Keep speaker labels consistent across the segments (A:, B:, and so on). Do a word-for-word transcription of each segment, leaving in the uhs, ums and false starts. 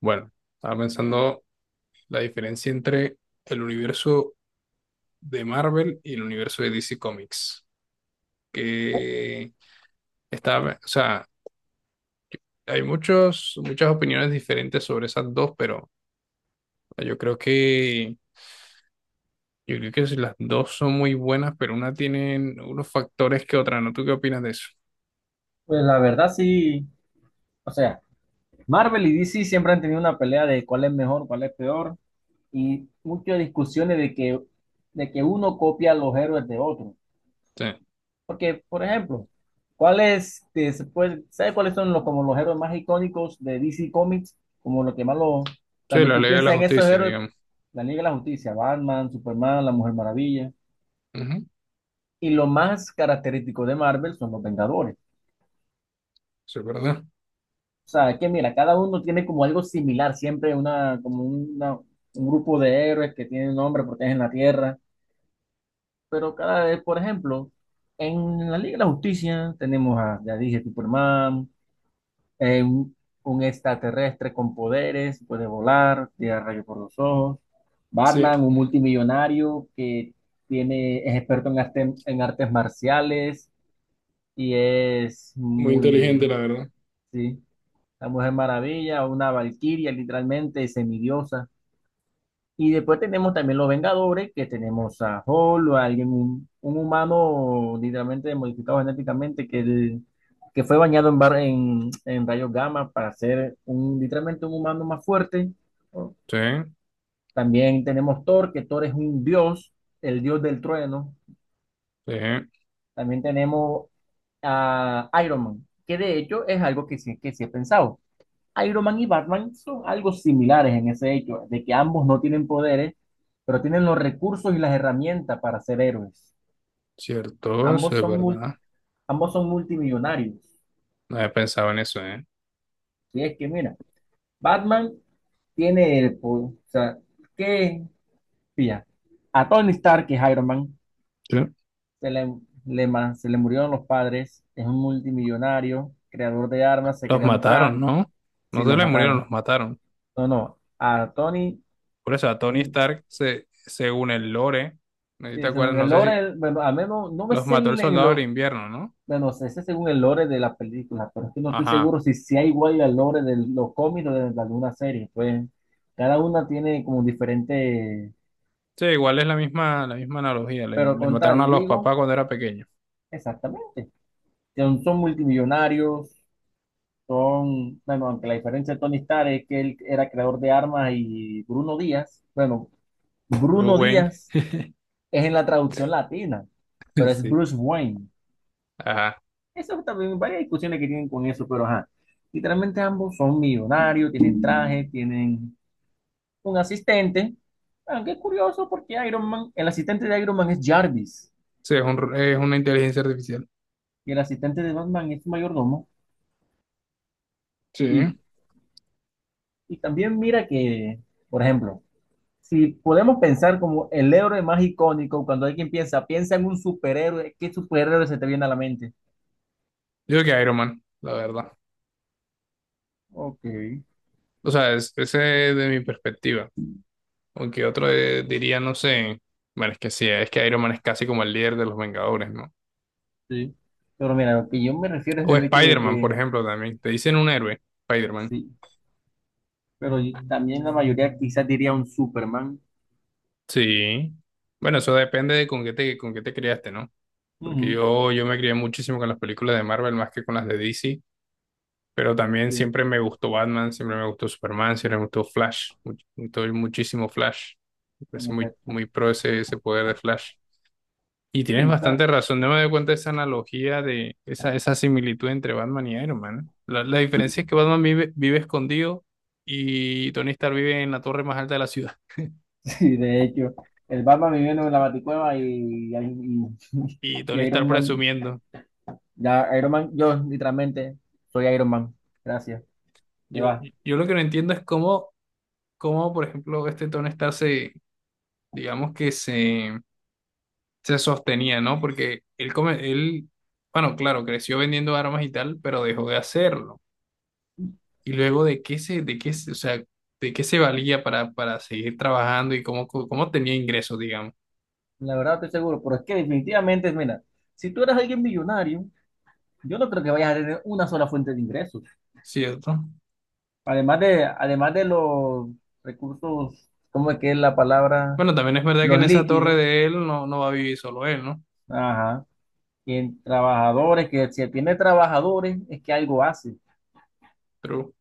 A: Bueno, estaba pensando la diferencia entre el universo de Marvel y el universo de D C Comics. Que estaba, o sea, hay muchos, muchas opiniones diferentes sobre esas dos, pero yo creo que, yo creo que si las dos son muy buenas, pero una tienen unos factores que otra, ¿no? ¿Tú qué opinas de eso?
B: Pues la verdad sí, o sea, Marvel y D C siempre han tenido una pelea de cuál es mejor, cuál es peor, y muchas discusiones de que, de que uno copia a los héroes de otro.
A: Sí,
B: Porque, por ejemplo, ¿cuáles, te- se puede- ¿sabes cuáles son los, como los héroes más icónicos de D C Comics? Como lo que más lo,
A: sí,
B: Cuando
A: la
B: tú
A: ley de la
B: piensas en esos
A: justicia,
B: héroes,
A: digamos.
B: la Liga de la Justicia, Batman, Superman, la Mujer Maravilla,
A: Ujú.
B: y lo más característico de Marvel son los Vengadores.
A: Sí, ¿es verdad?
B: O sea, que mira, cada uno tiene como algo similar, siempre una, como una- un grupo de héroes que tienen un nombre, protegen la tierra, pero cada vez, por ejemplo, en la Liga de la Justicia tenemos a, ya dije, Superman, eh, un, un extraterrestre con poderes, puede volar, tira rayos por los ojos.
A: Sí,
B: Batman, un multimillonario que tiene, es experto en arte- en artes marciales y es
A: muy inteligente,
B: muy,
A: la verdad.
B: sí. La Mujer Maravilla, una Valquiria, literalmente semidiosa. Y después tenemos también los Vengadores, que tenemos a Hulk, o a alguien, un, un humano literalmente modificado genéticamente, que, el- que fue bañado en, bar- en, en rayos gamma para ser un, literalmente un humano más fuerte.
A: Sí,
B: También tenemos Thor, que Thor es un dios, el dios del trueno.
A: sí,
B: También tenemos a Iron Man, que de hecho es algo que sí, que sí he pensado. Iron Man y Batman son algo similares en ese hecho, de que ambos no tienen poderes, pero tienen los recursos y las herramientas para ser héroes.
A: cierto, eso
B: Ambos
A: es
B: son, mul-
A: verdad.
B: ambos son multimillonarios.
A: No había pensado en eso, ¿eh?
B: Si es que, mira, Batman tiene el po- o sea, ¿qué? Pilla. A Tony Stark, que es Iron Man,
A: Sí.
B: se le, le ma- se le murieron los padres, es un multimillonario, creador de armas, se
A: Los
B: creó un tra,
A: mataron, ¿no? No
B: si
A: se
B: los
A: les murieron, los
B: mataron.
A: mataron.
B: No, no. A Tony
A: Por eso a Tony Stark, se, según el lore, ¿no te
B: Sí,
A: acuerdas?
B: según
A: No
B: el
A: sé si
B: lore, bueno, al menos no me
A: los
B: sé
A: mató el
B: el- en
A: soldado del
B: lo,
A: invierno, ¿no?
B: bueno, sé sé según el lore de la película, pero es que no estoy
A: Ajá.
B: seguro si sea igual al lore de los cómics o de, de alguna serie, pues cada una tiene como diferente,
A: Sí, igual es la misma, la misma analogía. Le,
B: pero
A: les
B: con
A: mataron a
B: tal,
A: los
B: digo,
A: papás cuando era pequeño.
B: exactamente, son, son multimillonarios, son, bueno, aunque la diferencia de Tony Stark es que él era creador de armas y Bruno Díaz, bueno,
A: Bruce
B: Bruno
A: Wayne.
B: Díaz es en la traducción latina, pero es
A: Sí.
B: Bruce Wayne.
A: Ajá.
B: Eso también, varias discusiones que tienen con eso, pero ajá. Literalmente ambos son millonarios, tienen traje, tienen un asistente. Aunque es curioso porque Iron Man, el asistente de Iron Man es Jarvis,
A: Sí, es un, es una inteligencia artificial.
B: y el asistente de Batman es su mayordomo.
A: Sí.
B: Y, y también mira que, por ejemplo, si podemos pensar como el héroe más icónico, cuando alguien piensa, piensa en un superhéroe, ¿qué superhéroe se te viene a la mente?
A: Yo creo que Iron Man, la verdad.
B: Ok,
A: O sea, es, ese es de mi perspectiva. Aunque otro eh, diría, no sé. Bueno, es que sí, es que Iron Man es casi como el líder de los Vengadores, ¿no?
B: sí. Pero mira, lo que yo me refiero es
A: O
B: el hecho de
A: Spider-Man, por
B: que
A: ejemplo, también. Te dicen un héroe, Spider-Man.
B: sí, pero y- también la mayoría quizás diría un Superman,
A: Sí. Bueno, eso depende de con qué te, con qué te criaste, ¿no? Porque
B: ujú,
A: yo, yo me crié muchísimo con las películas de Marvel más que con las de D C, pero también
B: sí,
A: siempre me gustó Batman, siempre me gustó Superman, siempre me gustó Flash, much- mucho- muchísimo Flash. Me
B: en
A: parece muy,
B: efecto.
A: muy pro ese, ese poder de Flash. Y tienes
B: Quizás
A: bastante razón, no me doy cuenta de esa analogía, de esa, esa similitud entre Batman y Iron Man, ¿eh? La, la diferencia es que Batman vive, vive escondido y Tony Stark vive en la torre más alta de la ciudad.
B: sí, de hecho, el Batman viviendo en la Baticueva y, y,
A: Y
B: y
A: Tony Stark
B: Iron Man.
A: presumiendo.
B: Ya, Iron Man, yo literalmente soy Iron Man. Gracias, te
A: Yo,
B: vas.
A: yo lo que no entiendo es cómo, cómo, por ejemplo, este Tony Stark se, digamos que se, se sostenía, ¿no? Porque él, come, él, bueno, claro, creció vendiendo armas y tal, pero dejó de hacerlo. Y luego de qué se, de qué, se- o sea, de qué se valía para, para seguir trabajando y cómo, cómo tenía ingresos, digamos,
B: La verdad estoy seguro, pero es que definitivamente, mira, si tú eres alguien millonario, yo no creo que vayas a tener una sola fuente de ingresos.
A: ¿cierto?
B: Además de, además de los recursos, ¿cómo es que es la palabra?
A: Bueno, también es verdad que
B: Los
A: en esa torre
B: líquidos.
A: de él no, no va a vivir solo él, ¿no?
B: Ajá. Y en trabajadores, que si tiene trabajadores, es que algo hace.
A: Pero,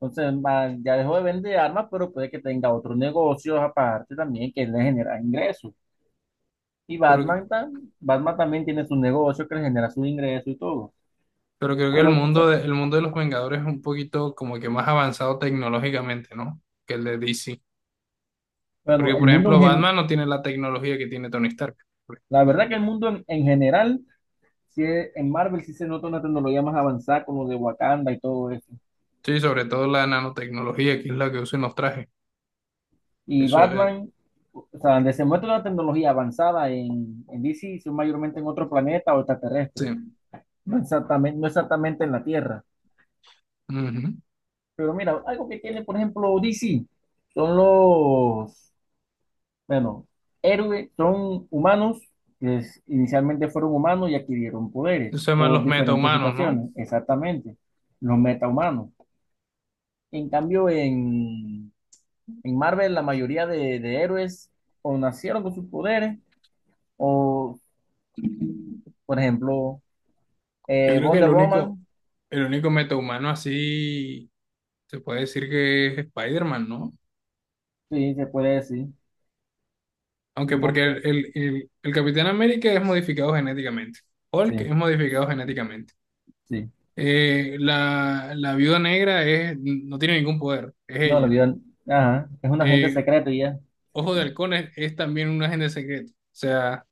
B: Entonces, ma- ya dejó de vender armas, pero puede que tenga otros negocios aparte también que le genera ingresos. Y
A: pero,
B: Batman, tam- Batman también tiene su negocio que le genera sus ingresos y todo.
A: pero creo que el
B: Pero, o sea,
A: mundo de, el mundo de los Vengadores es un poquito como que más avanzado tecnológicamente, ¿no? Que el de D C. Porque,
B: bueno, el
A: por
B: mundo en
A: ejemplo,
B: gen-
A: Batman no tiene la tecnología que tiene Tony Stark, por
B: la
A: ejemplo.
B: verdad que el mundo en, en general, sí es- en Marvel sí se nota una tecnología más avanzada como de Wakanda y todo eso.
A: Sí, sobre todo la nanotecnología, que es la que usa en los trajes.
B: Y
A: Eso, eh,
B: Batman, o sea, donde se muestra una tecnología avanzada en, en D C, son mayormente en otro planeta o extraterrestre.
A: sí.
B: No exactamente, no exactamente en la Tierra.
A: Ujú.
B: Pero mira, algo que tiene, por ejemplo, D C, son los, bueno, héroes, son humanos, que es- inicialmente fueron humanos y adquirieron
A: Eso
B: poderes
A: se llaman
B: por
A: los
B: diferentes
A: metahumanos,
B: situaciones, exactamente, los metahumanos. En cambio, en, en Marvel, la mayoría de, de héroes o nacieron con sus poderes, o,
A: ¿no?
B: por ejemplo,
A: Yo
B: eh,
A: creo que el
B: Wonder
A: único,
B: Woman,
A: el único metahumano así se puede decir que es Spider-Man, ¿no?
B: sí, se puede decir,
A: Aunque porque el,
B: Wonder,
A: el, el, el Capitán América es modificado genéticamente. Hulk
B: sí,
A: es modificado genéticamente.
B: sí.
A: Eh, la, la Viuda Negra es, no tiene ningún poder, es
B: No, lo
A: ella.
B: vio. Ajá. Es un agente
A: Eh,
B: secreto y ya.
A: Ojo de Halcón es, es también un agente secreto. O sea,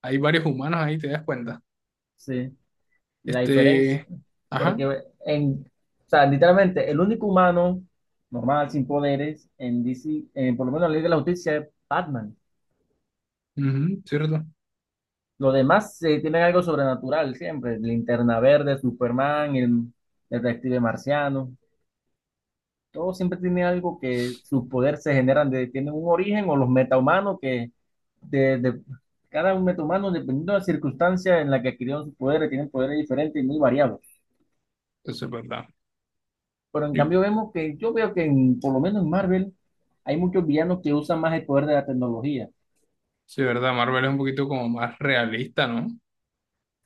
A: hay varios humanos ahí, te das cuenta.
B: Sí. Y la diferencia.
A: Este, ajá,
B: Porque en, o sea, literalmente, el único humano normal, sin poderes, en D C, eh, por lo menos en la Liga de la Justicia, es Batman.
A: ujú, ¿cierto?
B: Los demás eh, tienen algo sobrenatural siempre. Linterna Verde, Superman, el detective marciano. Todo siempre tiene algo, que sus poderes se generan de, tienen un origen, o los metahumanos que de, de- cada un metahumano, dependiendo de la circunstancia en la que adquirieron sus poderes, tienen poderes diferentes y muy variados.
A: Eso es verdad.
B: Pero en
A: Y
B: cambio vemos que yo veo que en, por lo menos en Marvel hay muchos villanos que usan más el poder de la tecnología.
A: sí, es verdad, Marvel es un poquito como más realista, ¿no?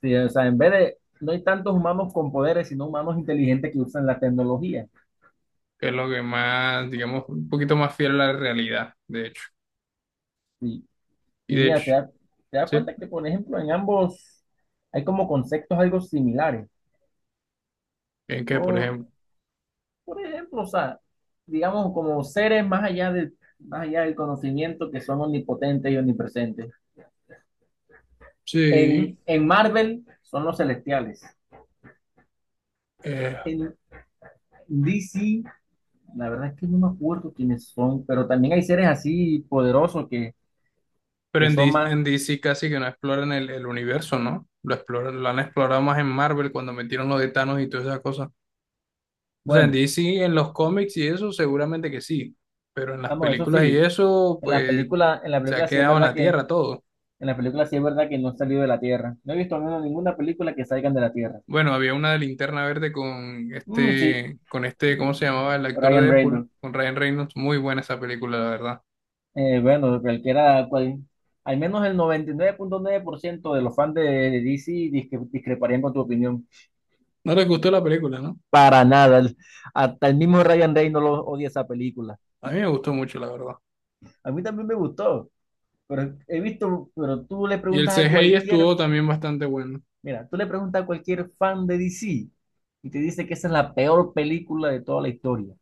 B: Sí, o sea, en vez de, no hay tantos humanos con poderes, sino humanos inteligentes que usan la tecnología.
A: Que es lo que más, digamos, un poquito más fiel a la realidad, de hecho.
B: Sí.
A: Y
B: Y
A: de
B: mira, te
A: hecho,
B: da- te das
A: sí,
B: cuenta que, por ejemplo, en ambos hay como conceptos algo similares.
A: en que, por
B: Por,
A: ejemplo,
B: por ejemplo, o sea, digamos como seres más allá del, más allá del conocimiento, que son omnipotentes y omnipresentes.
A: sí,
B: En, en Marvel son los celestiales.
A: eh,
B: En D C, la verdad es que no me acuerdo quiénes son, pero también hay seres así poderosos que,
A: pero
B: que
A: en,
B: son
A: D- C,
B: más,
A: en D C casi que no exploran el, el universo, ¿no? Lo exploran, lo han explorado más en Marvel cuando metieron lo de Thanos y todas esas cosas. O sea, en
B: bueno,
A: D C, en los cómics y eso, seguramente que sí, pero en las
B: vamos, eso
A: películas y
B: sí,
A: eso,
B: en la
A: pues
B: película, en la
A: se ha
B: película sí es
A: quedado en
B: verdad
A: la
B: que,
A: tierra todo.
B: en la película sí es verdad que no han salido de la Tierra. No he visto ninguna, ninguna película que salgan de la Tierra.
A: Bueno, había una de Linterna Verde con
B: Mm, sí,
A: este, con este, ¿cómo se llamaba? El actor de
B: Ryan
A: Deadpool,
B: Reynolds.
A: con Ryan Reynolds. Muy buena esa película, la verdad.
B: Eh, bueno, cualquiera, cual, al menos el noventa y nueve nueve punto nueve por ciento de los fans de, de D C discre- discreparían con tu opinión.
A: No les gustó la película, ¿no?
B: Para nada. el- Hasta el mismo Ryan Reynolds no lo- odia esa película.
A: A mí me gustó mucho, la verdad.
B: A mí también me gustó, pero he visto, pero tú le
A: Y el
B: preguntas
A: C
B: a
A: CGI
B: cualquier,
A: estuvo también bastante bueno.
B: mira, tú le preguntas a cualquier fan de D C y te dice que esa es la peor película de toda la historia,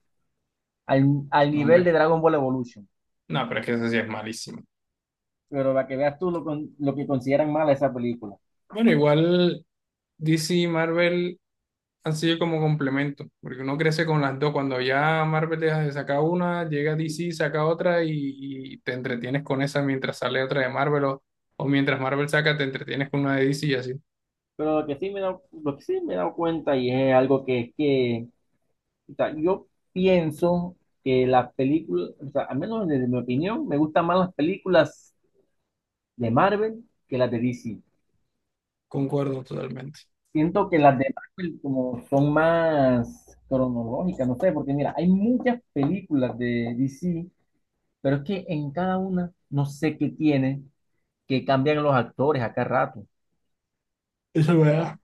B: al, al
A: No,
B: nivel de
A: hombre.
B: Dragon Ball Evolution.
A: No, pero es que ese sí es malísimo.
B: Pero para que veas tú lo, con- lo que consideran mala esa película.
A: Bueno, igual D C y Marvel han sido como complemento, porque uno crece con las dos. Cuando ya Marvel deja de sacar una, llega D C saca otra y, y te entretienes con esa mientras sale otra de Marvel o, o mientras Marvel saca, te entretienes con una de D C. Y así.
B: Pero lo que sí me he dado, lo que sí me he dado cuenta, y es algo que, que o sea, yo, pienso que las películas, o sea, al menos desde mi opinión, me gustan más las películas de Marvel que las de D C.
A: Concuerdo totalmente.
B: Siento que las de Marvel como son más cronológicas, no sé, porque mira, hay muchas películas de D C, pero es que en cada una no sé qué tiene, que cambian los actores a cada rato.
A: Eso es verdad.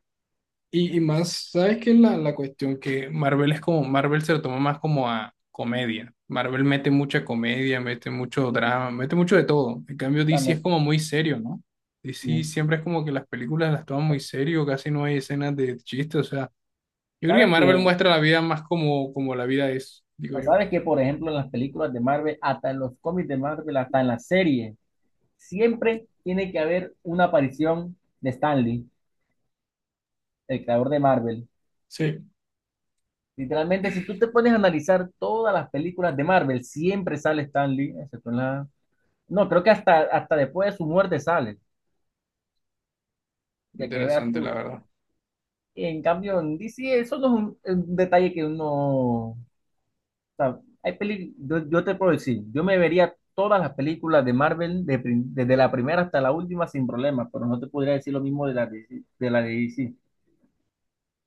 A: Y, y más, ¿sabes qué es la, la cuestión? Que Marvel es como, Marvel se lo toma más como a comedia. Marvel mete mucha comedia, mete mucho
B: Sí,
A: drama, mete mucho de todo. En cambio, D C es
B: también,
A: como muy serio, ¿no? D C
B: sí.
A: siempre es como que las películas las toman muy serio, casi no hay escenas de chiste, o sea, yo creo que
B: ¿Sabes
A: Marvel
B: qué?
A: muestra la vida más como, como la vida es, digo
B: Sea,
A: yo.
B: sabes que, por ejemplo, en las películas de Marvel, hasta en los cómics de Marvel, hasta en las series, siempre tiene que haber una aparición de Stan Lee, el creador de Marvel.
A: Sí,
B: Literalmente, si tú te pones a analizar todas las películas de Marvel, siempre sale Stan Lee, excepto en la... No, creo que hasta, hasta después de su muerte sale, ya que veas
A: interesante, la
B: tú.
A: verdad.
B: En cambio, en D C, eso no es un, un detalle que uno sea, hay peli- yo, yo te puedo decir, yo me vería todas las películas de Marvel de prim- desde la primera hasta la última sin problemas, pero no te podría decir lo mismo de la de, de la de, D C.